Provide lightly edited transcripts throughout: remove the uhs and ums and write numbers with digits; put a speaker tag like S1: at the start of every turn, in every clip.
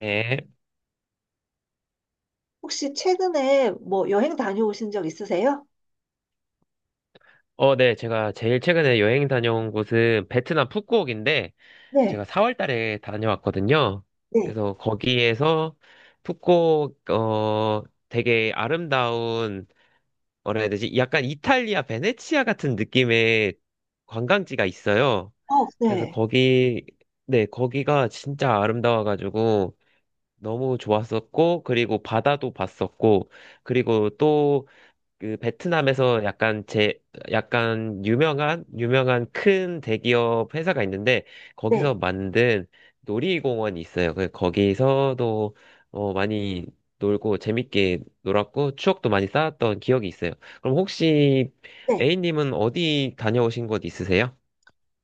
S1: 네.
S2: 혹시 최근에 뭐 여행 다녀오신 적 있으세요?
S1: 네. 제가 제일 최근에 여행 다녀온 곳은 베트남 푸꾸옥인데,
S2: 네,
S1: 제가 4월 달에 다녀왔거든요.
S2: 네,
S1: 그래서 거기에서 푸꾸옥, 되게 아름다운, 뭐라 해야 되지? 약간 이탈리아 베네치아 같은 느낌의 관광지가 있어요.
S2: 어,
S1: 그래서
S2: 네,
S1: 거기, 네, 거기가 진짜 아름다워가지고 너무 좋았었고, 그리고 바다도 봤었고, 그리고 또 그 베트남에서 약간 제 약간 유명한 유명한 큰 대기업 회사가 있는데
S2: 네,
S1: 거기서 만든 놀이공원이 있어요. 그 거기서도 많이 놀고 재밌게 놀았고 추억도 많이 쌓았던 기억이 있어요. 그럼 혹시
S2: 네.
S1: A님은 어디 다녀오신 곳 있으세요?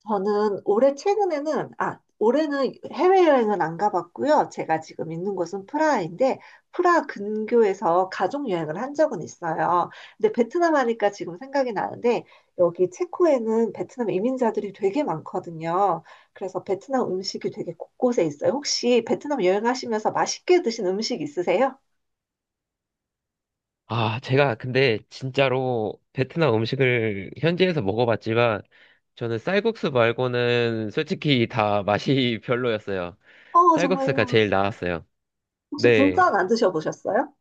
S2: 저는 올해 최근에는, 아, 올해는 해외여행은 안 가봤고요. 제가 지금 있는 곳은 프라하인데, 프라하 근교에서 가족여행을 한 적은 있어요. 근데 베트남 하니까 지금 생각이 나는데, 여기 체코에는 베트남 이민자들이 되게 많거든요. 그래서 베트남 음식이 되게 곳곳에 있어요. 혹시 베트남 여행하시면서 맛있게 드신 음식 있으세요?
S1: 아, 제가 근데 진짜로 베트남 음식을 현지에서 먹어봤지만 저는 쌀국수 말고는 솔직히 다 맛이 별로였어요.
S2: 어,
S1: 쌀국수가
S2: 정말요.
S1: 제일 나았어요.
S2: 혹시
S1: 네.
S2: 분짜 안 드셔보셨어요?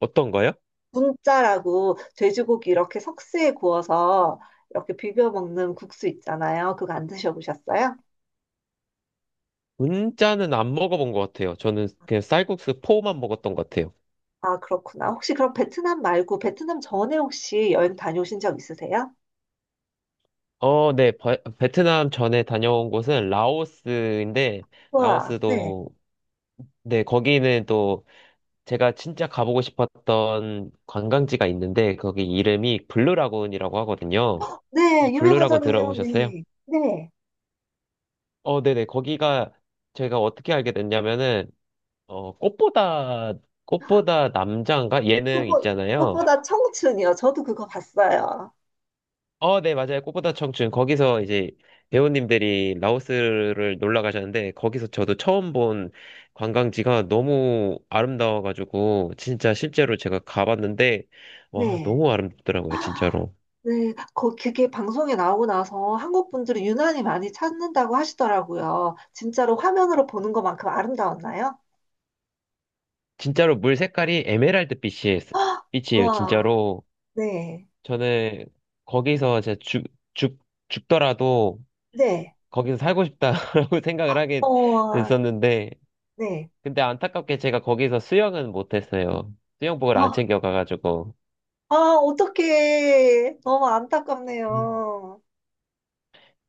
S1: 어떤 거요?
S2: 분짜라고 돼지고기 이렇게 석쇠에 구워서 이렇게 비벼 먹는 국수 있잖아요. 그거 안 드셔보셨어요?
S1: 문자는 안 먹어본 것 같아요. 저는 그냥 쌀국수 포만 먹었던 것 같아요.
S2: 아, 그렇구나. 혹시 그럼 베트남 말고 베트남 전에 혹시 여행 다녀오신 적 있으세요?
S1: 네. 베트남 전에 다녀온 곳은 라오스인데,
S2: 와, 네.
S1: 라오스도, 네, 거기는 또 제가 진짜 가보고 싶었던 관광지가 있는데, 거기 이름이 블루라군이라고 하거든요. 혹시
S2: 네,
S1: 블루라군
S2: 유명하잖아요.
S1: 들어보셨어요?
S2: 네. 네.
S1: 네네. 거기가 제가 어떻게 알게 됐냐면은, 어, 꽃보다, 꽃보다 남자인가? 예능
S2: 무엇보-
S1: 있잖아요.
S2: 무엇보다 청춘이요. 저도 그거 봤어요.
S1: 네, 맞아요. 꽃보다 청춘. 거기서 이제 배우님들이 라오스를 놀러 가셨는데, 거기서 저도 처음 본 관광지가 너무 아름다워가지고, 진짜 실제로 제가 가봤는데, 와,
S2: 네.
S1: 너무 아름답더라고요, 진짜로.
S2: 네, 그게 방송에 나오고 나서 한국 분들이 유난히 많이 찾는다고 하시더라고요. 진짜로 화면으로 보는 것만큼 아름다웠나요?
S1: 진짜로 물 색깔이 에메랄드 빛이에요,
S2: 와,
S1: 진짜로.
S2: 네,
S1: 저는 거기서 제가 죽, 죽더라도
S2: 네,
S1: 거기서 살고 싶다라고 생각을 하게
S2: 어,
S1: 됐었는데,
S2: 네.
S1: 근데 안타깝게 제가 거기서 수영은 못했어요. 수영복을 안
S2: 아,
S1: 챙겨가가지고.
S2: 아, 어떡해. 너무
S1: 음.
S2: 안타깝네요.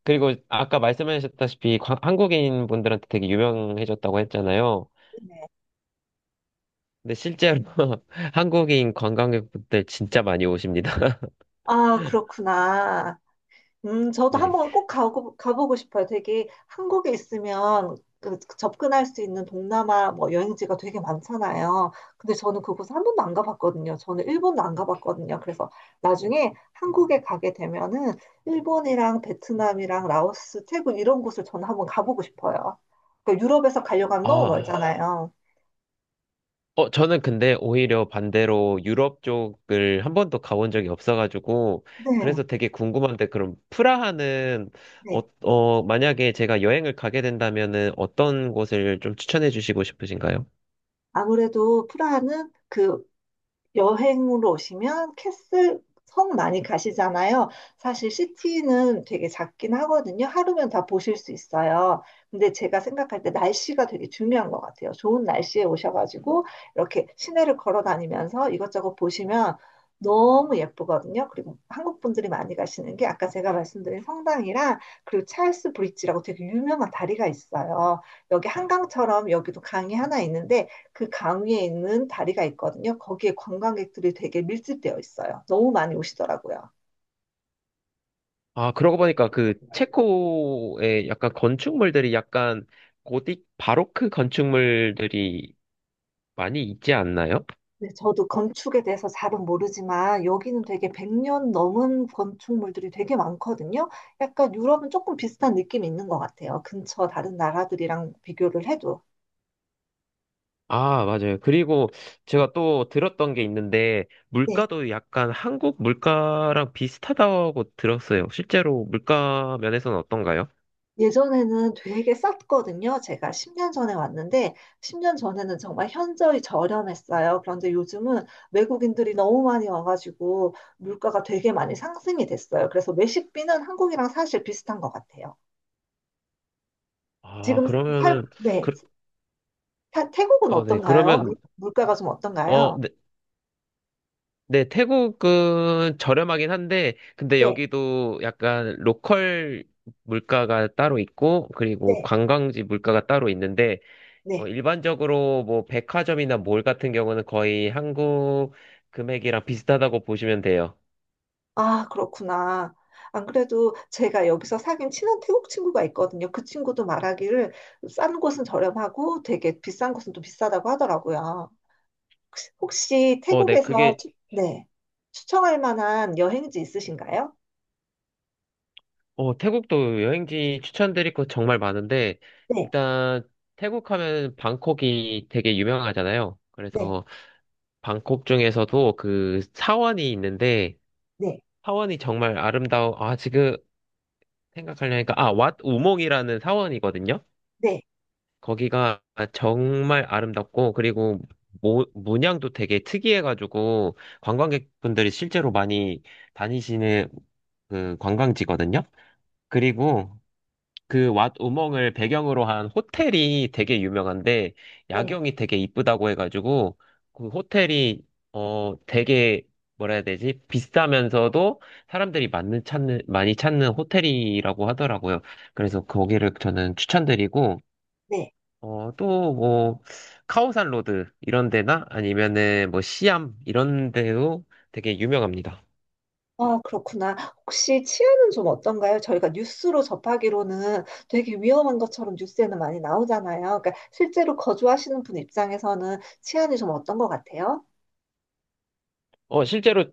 S1: 그리고 아까 말씀하셨다시피 한국인 분들한테 되게 유명해졌다고 했잖아요.
S2: 네.
S1: 근데 실제로 한국인 관광객분들 진짜 많이 오십니다.
S2: 아, 그렇구나. 저도
S1: 네.
S2: 한번 꼭 가보고 싶어요. 되게 한국에 있으면 그 접근할 수 있는 동남아 뭐 여행지가 되게 많잖아요. 근데 저는 그곳 한 번도 안 가봤거든요. 저는 일본도 안 가봤거든요. 그래서 나중에 한국에 가게 되면은 일본이랑 베트남이랑 라오스, 태국 이런 곳을 저는 한번 가보고 싶어요. 그러니까 유럽에서 가려고 하면 너무
S1: 아,
S2: 멀잖아요.
S1: 저는 근데 오히려 반대로 유럽 쪽을 한 번도 가본 적이 없어가지고,
S2: 네,
S1: 그래서 되게 궁금한데, 그럼 프라하는,
S2: 네.
S1: 만약에 제가 여행을 가게 된다면은 어떤 곳을 좀 추천해 주시고 싶으신가요?
S2: 아무래도 프라하는 그 여행으로 오시면 캐슬 섬 많이 가시잖아요. 사실 시티는 되게 작긴 하거든요. 하루면 다 보실 수 있어요. 근데 제가 생각할 때 날씨가 되게 중요한 것 같아요. 좋은 날씨에 오셔가지고 이렇게 시내를 걸어 다니면서 이것저것 보시면 너무 예쁘거든요. 그리고 한국 분들이 많이 가시는 게 아까 제가 말씀드린 성당이랑 그리고 찰스 브릿지라고 되게 유명한 다리가 있어요. 여기 한강처럼 여기도 강이 하나 있는데 그 강 위에 있는 다리가 있거든요. 거기에 관광객들이 되게 밀집되어 있어요. 너무 많이 오시더라고요.
S1: 아, 그러고 보니까 그 체코의 약간 건축물들이 약간 고딕 바로크 건축물들이 많이 있지 않나요?
S2: 네, 저도 건축에 대해서 잘은 모르지만 여기는 되게 100년 넘은 건축물들이 되게 많거든요. 약간 유럽은 조금 비슷한 느낌이 있는 것 같아요. 근처 다른 나라들이랑 비교를 해도.
S1: 아, 맞아요. 그리고 제가 또 들었던 게 있는데
S2: 네.
S1: 물가도 약간 한국 물가랑 비슷하다고 들었어요. 실제로 물가 면에서는 어떤가요?
S2: 예전에는 되게 쌌거든요. 제가 10년 전에 왔는데, 10년 전에는 정말 현저히 저렴했어요. 그런데 요즘은 외국인들이 너무 많이 와가지고 물가가 되게 많이 상승이 됐어요. 그래서 외식비는 한국이랑 사실 비슷한 것 같아요.
S1: 아,
S2: 지금 살,
S1: 그러면은
S2: 네.
S1: 그,
S2: 태국은
S1: 네.
S2: 어떤가요?
S1: 그러면
S2: 물가가 좀 어떤가요?
S1: 네. 네, 태국은 저렴하긴 한데, 근데
S2: 네,
S1: 여기도 약간 로컬 물가가 따로 있고, 그리고
S2: 네,
S1: 관광지 물가가 따로 있는데,
S2: 네.
S1: 일반적으로 뭐 백화점이나 몰 같은 경우는 거의 한국 금액이랑 비슷하다고 보시면 돼요.
S2: 아, 그렇구나. 안 그래도 제가 여기서 사귄 친한 태국 친구가 있거든요. 그 친구도 말하기를 싼 곳은 저렴하고 되게 비싼 곳은 또 비싸다고 하더라고요. 혹시
S1: 네,
S2: 태국에서
S1: 그게,
S2: 네, 추천할 만한 여행지 있으신가요?
S1: 태국도 여행지 추천드릴 거 정말 많은데,
S2: 네,
S1: 일단 태국 하면 방콕이 되게 유명하잖아요.
S2: 네,
S1: 그래서 방콕 중에서도 그 사원이 있는데,
S2: 네,
S1: 사원이 정말 아름다워. 아, 지금 생각하려니까. 아, 왓 우몽이라는 사원이거든요.
S2: 네,
S1: 거기가 정말 아름답고, 그리고 문양도 되게 특이해가지고, 관광객분들이 실제로 많이 다니시는 그 관광지거든요. 그리고 그 왓 우멍을 배경으로 한 호텔이 되게 유명한데
S2: 네,
S1: 야경이 되게 이쁘다고 해가지고 그 호텔이 되게 뭐라 해야 되지? 비싸면서도 사람들이 많이 찾는 호텔이라고 하더라고요. 그래서 거기를 저는 추천드리고
S2: 네.
S1: 어또 뭐 카오산 로드 이런 데나 아니면은 뭐 시암 이런 데도 되게 유명합니다.
S2: 아, 그렇구나. 혹시 치안은 좀 어떤가요? 저희가 뉴스로 접하기로는 되게 위험한 것처럼 뉴스에는 많이 나오잖아요. 그러니까 실제로 거주하시는 분 입장에서는 치안이 좀 어떤 것 같아요?
S1: 실제로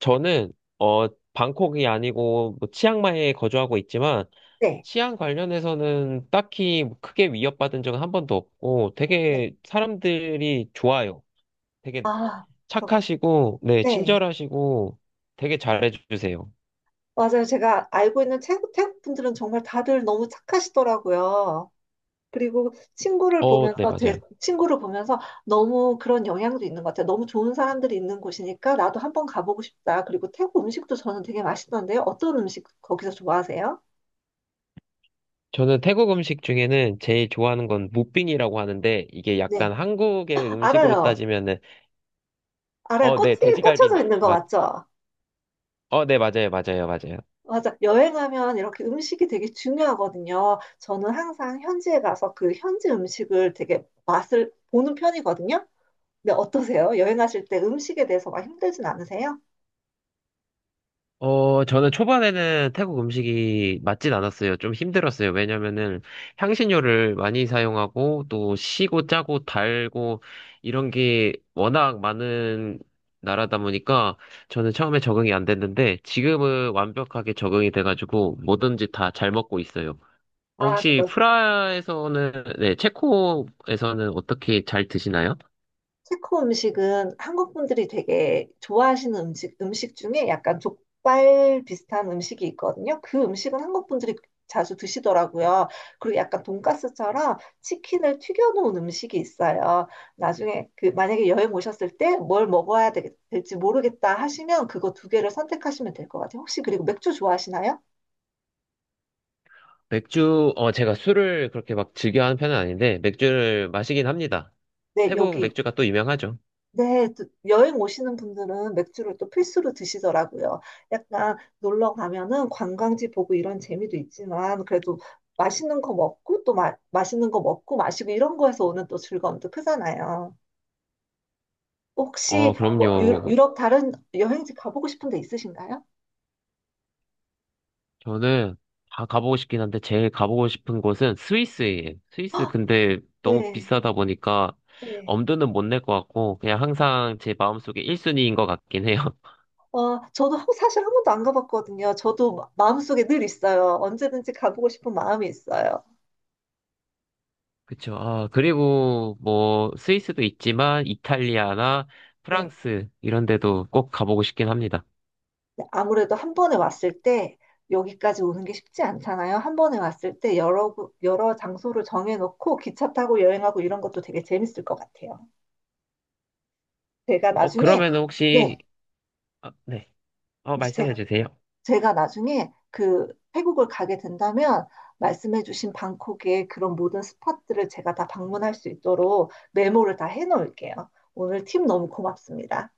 S1: 저는 어 방콕이 아니고 뭐 치앙마이에 거주하고 있지만
S2: 네.
S1: 치안 관련해서는 딱히 뭐 크게 위협받은 적은 한 번도 없고,
S2: 네.
S1: 되게 사람들이 좋아요. 되게
S2: 아, 그렇군.
S1: 착하시고, 네,
S2: 네.
S1: 친절하시고, 되게 잘해주세요.
S2: 맞아요. 제가 알고 있는 태국 분들은 정말 다들 너무 착하시더라고요. 그리고 친구를
S1: 네,
S2: 보면서, 제
S1: 맞아요.
S2: 친구를 보면서 너무 그런 영향도 있는 것 같아요. 너무 좋은 사람들이 있는 곳이니까 나도 한번 가보고 싶다. 그리고 태국 음식도 저는 되게 맛있던데요. 어떤 음식 거기서 좋아하세요?
S1: 저는 태국 음식 중에는 제일 좋아하는 건 무빙이라고 하는데, 이게
S2: 네.
S1: 약간 한국의 음식으로
S2: 알아요.
S1: 따지면은,
S2: 알아요.
S1: 네,
S2: 꽃이
S1: 돼지갈비
S2: 꽂혀져 있는 거
S1: 맛.
S2: 맞죠?
S1: 네, 맞아요, 맞아요, 맞아요.
S2: 맞아. 여행하면 이렇게 음식이 되게 중요하거든요. 저는 항상 현지에 가서 그 현지 음식을 되게 맛을 보는 편이거든요. 근데 어떠세요? 여행하실 때 음식에 대해서 막 힘들진 않으세요?
S1: 저는 초반에는 태국 음식이 맞진 않았어요. 좀 힘들었어요. 왜냐면은 향신료를 많이 사용하고 또 시고 짜고 달고 이런 게 워낙 많은 나라다 보니까 저는 처음에 적응이 안 됐는데 지금은 완벽하게 적응이 돼가지고 뭐든지 다 잘 먹고 있어요.
S2: 아,
S1: 혹시 프라에서는, 네, 체코에서는 어떻게 잘 드시나요?
S2: 체코 음식은 한국 분들이 되게 좋아하시는 음식 중에 약간 족발 비슷한 음식이 있거든요. 그 음식은 한국 분들이 자주 드시더라고요. 그리고 약간 돈가스처럼 치킨을 튀겨놓은 음식이 있어요. 나중에 그 만약에 여행 오셨을 때 뭘 먹어야 될지 모르겠다 하시면 그거 두 개를 선택하시면 될 것 같아요. 혹시 그리고 맥주 좋아하시나요?
S1: 맥주, 제가 술을 그렇게 막 즐겨하는 편은 아닌데, 맥주를 마시긴 합니다.
S2: 네,
S1: 태국
S2: 여기
S1: 맥주가 또 유명하죠.
S2: 네, 또 여행 오시는 분들은 맥주를 또 필수로 드시더라고요. 약간 놀러 가면은 관광지 보고 이런 재미도 있지만 그래도 맛있는 거 먹고 또 맛있는 거 먹고 마시고 이런 거에서 오는 또 즐거움도 크잖아요. 혹시 아, 뭐
S1: 그럼요.
S2: 유럽 다른 여행지 가보고 싶은 데 있으신가요?
S1: 저는 다 가보고 싶긴 한데, 제일 가보고 싶은 곳은 스위스예요. 스위스 근데 너무
S2: 네,
S1: 비싸다 보니까
S2: 네.
S1: 엄두는 못 낼 것 같고, 그냥 항상 제 마음속에 1순위인 것 같긴 해요.
S2: 어, 저도 사실 한 번도 안 가봤거든요. 저도 마음속에 늘 있어요. 언제든지 가보고 싶은 마음이 있어요.
S1: 그쵸. 아, 그리고 뭐, 스위스도 있지만, 이탈리아나
S2: 네.
S1: 프랑스, 이런 데도 꼭 가보고 싶긴 합니다.
S2: 네, 아무래도 한 번에 왔을 때 여기까지 오는 게 쉽지 않잖아요. 한 번에 왔을 때 여러, 여러 장소를 정해놓고 기차 타고 여행하고 이런 것도 되게 재밌을 것 같아요. 제가 나중에,
S1: 그러면
S2: 네,
S1: 혹시 아, 네.
S2: 이제
S1: 말씀해
S2: 제가,
S1: 주세요.
S2: 제가 나중에 그 태국을 가게 된다면 말씀해주신 방콕의 그런 모든 스팟들을 제가 다 방문할 수 있도록 메모를 다 해놓을게요. 오늘 팁 너무 고맙습니다.